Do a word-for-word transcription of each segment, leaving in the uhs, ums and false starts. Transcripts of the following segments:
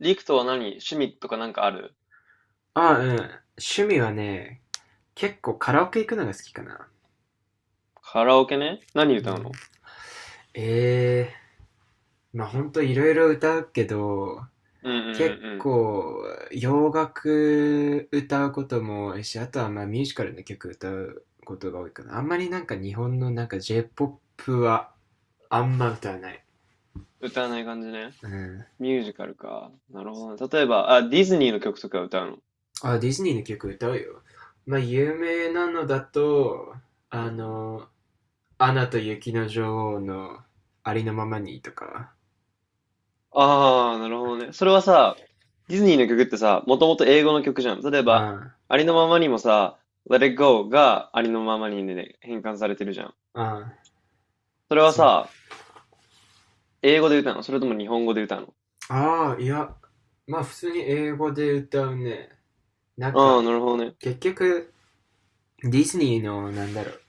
リクトは何趣味とかなんかある？あ、うん。趣味はね、結構カラオケ行くのが好きかな。カラオケね、何う歌うん、の？ええ、まあほんといろいろ歌うけど、うんうんう結んうん。構洋楽歌うことも多いし、あとはまあミュージカルの曲歌うことが多いかな。あんまりなんか日本のなんか J-ポップ はあんま歌わない。歌わない感じね。うん。ミュージカルか。なるほどね。例えば、あ、ディズニーの曲とか歌うの？あ、ディズニーの曲歌うよ。まあ有名なのだと、うあん。の、アナと雪の女王のありのままにとか、ああ、なるほどね。それはさ、ディズニーの曲ってさ、もともと英語の曲じゃん。例えうば、ん。ありのままにもさ、Let It Go がありのままにで変換されてるじゃん。ああ、それはそう。さ、英語で歌うの、それとも日本語で歌うの？ああ、いや、まあ普通に英語で歌うね。なんああー、か、なるほどね。結局、ディズニーの、なんだろう、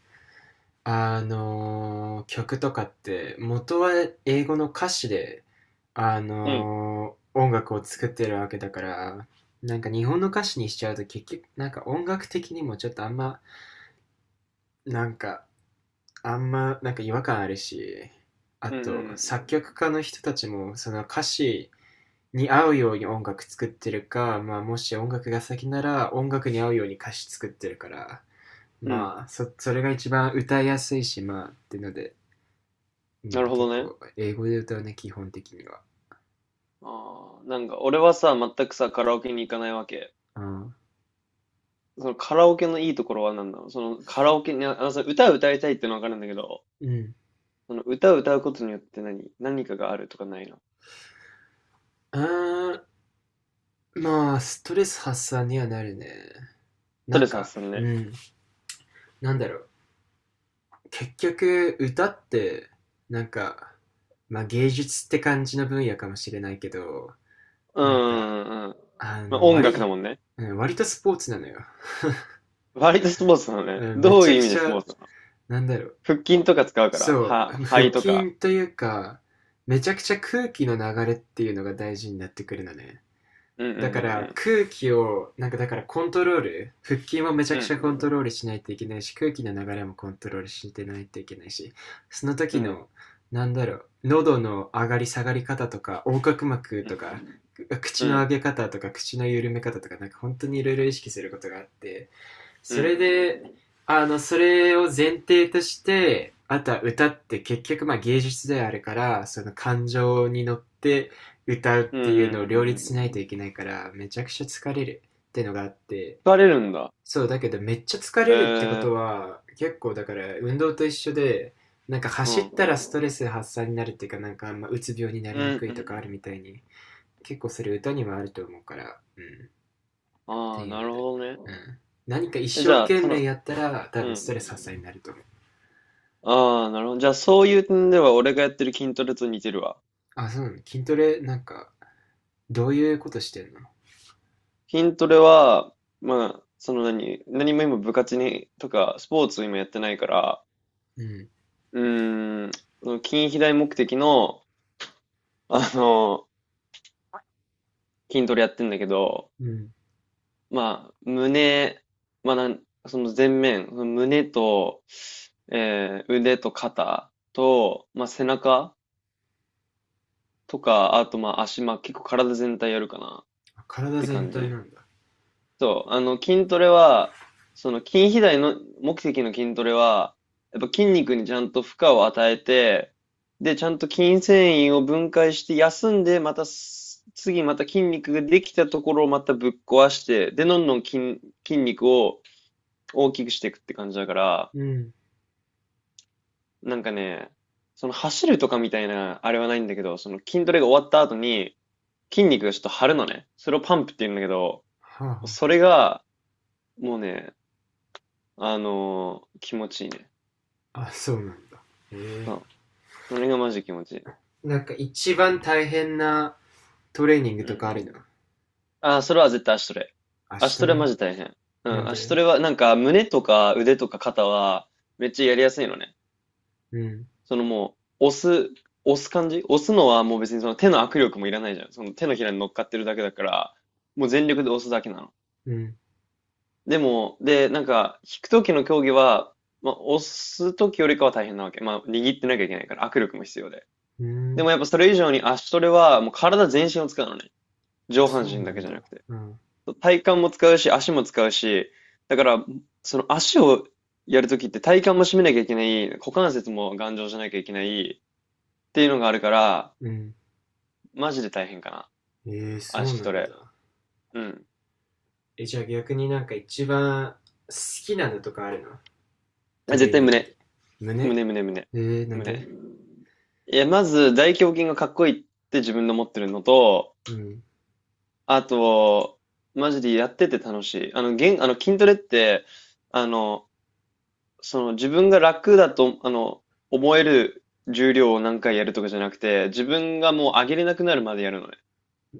あのー曲とかって、元は英語の歌詞で、あうん。のー音楽を作ってるわけだから、なんか日本の歌詞にしちゃうと結局、なんか音楽的にもちょっとあんま、なんか、あんま、なんか違和感あるし、あうんと、うん作曲家の人たちも、その歌詞に合うように音楽作ってるか、まあ、もし音楽が先なら音楽に合うように歌詞作ってるから、うん。うん。まあ、そそれが一番歌いやすいし、まあ、ってので、うなん、るほど結ね。構英語で歌うね、基本的には。ああ、なんか俺はさ、全くさ、カラオケに行かないわけ。うん。そのカラオケのいいところは何なの？そのカラオケに、ああのさ、歌を歌いたいってのはわかるんだけど、うん。その歌を歌うことによって何、何かがあるとかないの？あ、まあ、ストレス発散にはなるね。ストなレんス発か、散うね。ん、なんだろう。結局、歌って、なんか、まあ芸術って感じの分野かもしれないけど、うんうなんか、んうん。あまあ、の、音割楽だもんね。割とスポーツなのよ。割とスポーツなのね。うんめどうちいゃうく意味でちスポゃ、ーツなの？なんだろう。腹筋とか使うかそら、う、は、腹肺とか。筋というか、めちゃくちゃ空気の流れっていうのが大事になってくるのね。うんうだからん空気を、なんかだからコントロール、腹筋もめちうゃんくうちゃコントん。ロールしないといけないし、空気の流れもコントロールしてないといけないし、そのうん。時うん。の、なんだろう、喉の上がり下がり方とか、横隔膜うとん。か、口のう上ん。げ方とか、口の緩め方とか、なんか本当にいろいろ意識することがあって、うん。そうん。れで、あの、それを前提として、あとは歌って結局まあ芸術であるから、その感情に乗って歌うっうんうていうのを両立しないといん。けないから、めちゃくちゃ疲れるってのがあって、疲れるんだ。そう、だけどめっちゃ疲えれるってことー、は、結構だから運動と一緒で、なんかうん。走ったらうんストレス発散になるっていうか、なんかあんまうつ病になうりんにうくいとかあるみん。たいに、結構それ歌にもあると思うから、うん。っあてあ、いなうのるで、ほどね。うん、何か一え、じ生ゃあ、懸その、命やったら多う分ん。ストレス発散になると思う。ああ、なるほど。じゃあ、そういう点では、俺がやってる筋トレと似てるわ。あ、そうなのね。筋トレなんかどういうことしてんの？筋トレは、まあ、その何、何も今部活に、とか、スポーツ今やってないから、うんうーん、その筋肥大目的の、あの、筋トレやってんだけど、うん。まあ、胸、まあ、なん、その前面、その胸と、えー腕と肩と、まあ、背中とか、あとまあ足、まあ、結構体全体やるかな。っ体て全感じ。体なんだ。そう、あの、筋トレは、その筋肥大の目的の筋トレは、やっぱ筋肉にちゃんと負荷を与えて、で、ちゃんと筋繊維を分解して休んで、またす次また筋肉ができたところをまたぶっ壊して、で、どんどん筋、筋肉を大きくしていくって感じだから、うん。なんかね、その走るとかみたいなあれはないんだけど、その筋トレが終わった後に筋肉がちょっと張るのね。それをパンプって言うんだけど、はは。それがもうね、あのー気持ちいいね。あ、あそうなんだ。へえ。そう。あれがマジ気持ちいい。なんか一番大変なトレーニングうとかあるの？ん。ああ、それは絶対足トレ。足足トトレマレ？ジ大変。うなんん。足トで？レは、なんか、胸とか腕とか肩は、めっちゃやりやすいのね。うんそのもう、押す、押す感じ、押すのはもう別にその手の握力もいらないじゃん。その手のひらに乗っかってるだけだから、もう全力で押すだけなの。うん。でも、で、なんか、引く時の競技は、まあ、押す時よりかは大変なわけ。まあ、握ってなきゃいけないから、握力も必要で。うでん。もやっぱそれ以上に足トレはもう体全身を使うのね。あ、上半そう身なだけんじゃだ。なくて。うん。体幹も使うし、足も使うし、だから、その足をやるときって体幹も締めなきゃいけない、股関節も頑丈じゃなきゃいけないっていうのがあるから、うん。マジで大変かな。えー、そう足なトんレ。だ。うん。え、じゃあ逆になんか一番好きなのとかあるの？あ、トレ絶ー対ニング胸。で。胸？胸、胸、胸。えー、なん胸。で？いや、まず大胸筋がかっこいいって自分の持ってるのと、うん。あと、マジでやってて楽しい。あの、げん、あの筋トレって、あの、その自分が楽だと、あの、思える重量を何回やるとかじゃなくて、自分がもう上げれなくなるまでやるのね。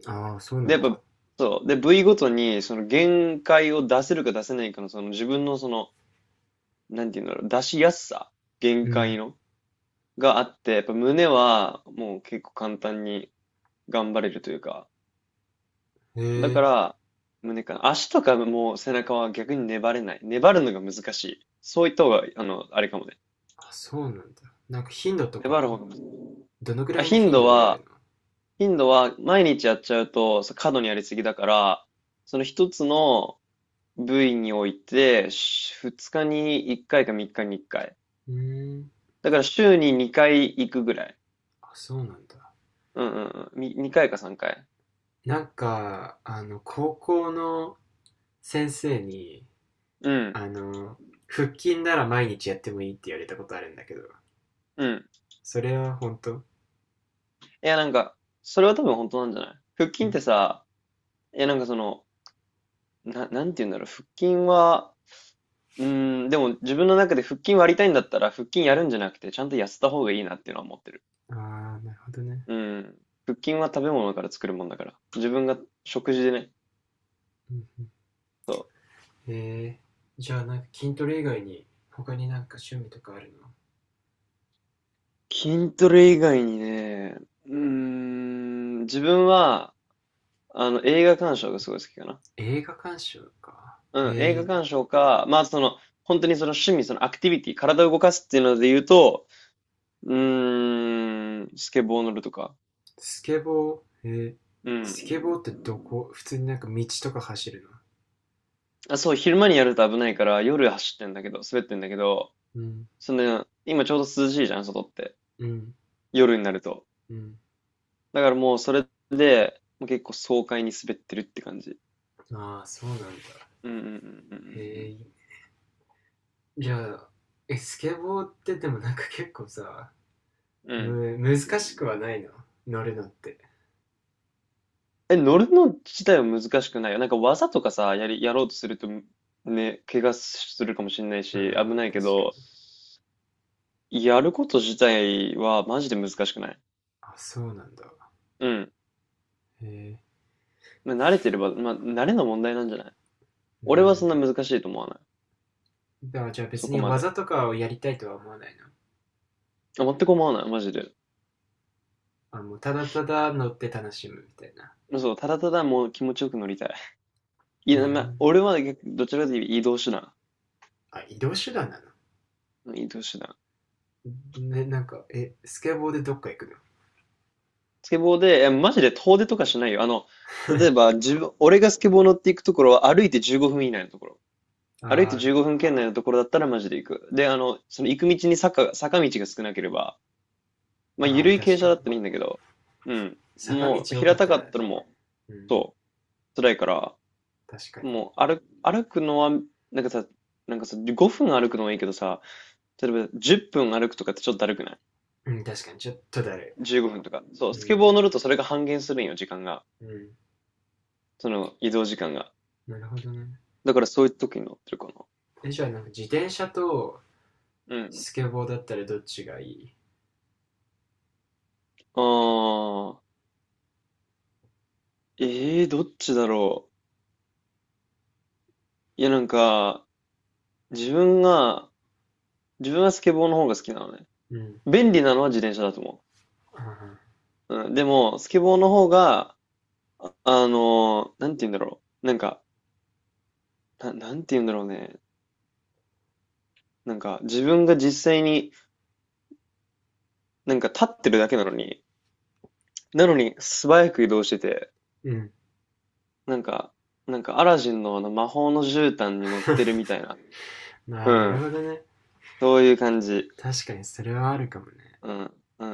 ああ、そうなで、やんっだ。ぱ、そう。で、部位ごとに、その限界を出せるか出せないかの、その自分のその、なんていうんだろう、出しやすさ、限う界ん。の、があって、やっぱ胸はもう結構簡単に頑張れるというか、えだー、から、胸かな。足とかもう背中は逆に粘れない。粘るのが難しい。そういった方が、あの、あれかもね。あ、そうなんだ。なんか頻度と粘る方か？が難しい。どのぐあ、らいの頻頻度度でやるは、頻度は毎日やっちゃうとそ過度にやりすぎだから、その一つの部位において、し日にいっかいかみっかにいっかい。の？うーん。だから週ににかい行くぐらい。あ、そうなんだ。うんうんうん。み回かさんかい。なんかあの高校の先生にうん。あの腹筋なら毎日やってもいいって言われたことあるんだけど、うん。それは本当？いやなんか、それは多分本当なんじゃない？腹う筋っん。てさ、いやなんかその、な、なんて言うんだろう。腹筋は、うーん、でも自分の中で腹筋割りたいんだったら腹筋やるんじゃなくて、ちゃんと痩せた方がいいなっていうのは思ってる。ああ、なるほどね。うん。腹筋は食べ物から作るもんだから。自分が食事でね。うん。そえー、じゃあなんか筋トレ以外に他になんか趣味とかあるの？う。筋トレ以外にね、うーん、自分は、あの、映画鑑賞がすごい好きかな。映画鑑賞か。えうん、映画ー、鑑賞か、まあ、その、本当にその趣味、そのアクティビティ、体を動かすっていうので言うと、うーん、スケボー乗るとか。スケボー、えー、うん。スケボーってどこ普通になんか道とか走るの？あ、そう、昼間にやると危ないから、夜走ってんだけど、滑ってんだけど、うん、その、今ちょうど涼しいじゃん、外って。うん、夜になると。うん。だからもうそれで、もう結構爽快に滑ってるって感じ。ああ、そうなんだ。うんうんうんえー、じゃあ、え、スケボーってでもなんか結構さ、うんうんうん。む、難うしくん。はないの？乗るのって。え、乗るの自体は難しくないよ。なんか技とかさ、やり、やろうとすると、ね、怪我するかもしれないあし、危あ、ないけ確かど、に。やること自体はマジで難しくない。あ、そうなんだ。うん。えまあ、慣れてれば、まあ、慣れの問題なんじゃない？ー、う俺はそん。んな難しいと思わない。だからじゃあそ別こにまで。技とかをやりたいとは思わないの？あ、全く思わない、マジで。あ、もうただただ乗って楽しむみたいな。そう、ただただもう気持ちよく乗りたい。いなや、るまほどあ、ね。俺は逆どちらかというと移動手段。あ、移動手段なの？うん、移動手段。ね、なんか、え、スケボーでどっか行くの？ スケボーで、え、マジで遠出とかしないよ。あの、例えば、自分、俺がスケボー乗っていくところは歩いてじゅうごふん以内のところ。歩いてあ15ー。分圏内のところだったらマジで行く。で、あの、その行く道に坂、坂道が少なければ、まあ、あー、緩い傾確斜かだっに。たらいいんだけど、うん。坂道もう、よか平ったたからっね。たらもう、うん、そう、辛いから、確かに。もう、歩、歩くのは、なんかさ、なんかさ、ごふん歩くのはいいけどさ、例えばじゅっぷん歩くとかってちょっとだるくない うん、確かに。ちょっとだる ?じゅうご 分とか。そう、い。スうケん、ボー乗るとそれが半減するんよ、時間が。うん。その移動時間が。なるほどね。だからそういう時に乗ってるかな。え、じゃあ、なんか自転車とうん。スケボーだったらどっちがいい？ああ、ええー、どっちだろう。いや、なんか、自分が、自分はスケボーの方が好きなのね。うん。便利なのは自転車だと思ああ、う。うん、でも、スケボーの方が、あのーなんて言うんだろう。なんか、な、なんて言うんだろうね。なんか、自分が実際に、なんか立ってるだけなのに、なのに素早く移動してて、うん。なんか、なんかアラジンのあの魔法の絨毯に乗ってるみ たいな。まあ、うなるん。ほどね。そういう感じ。確かに、それはあるかもね。うん。うん。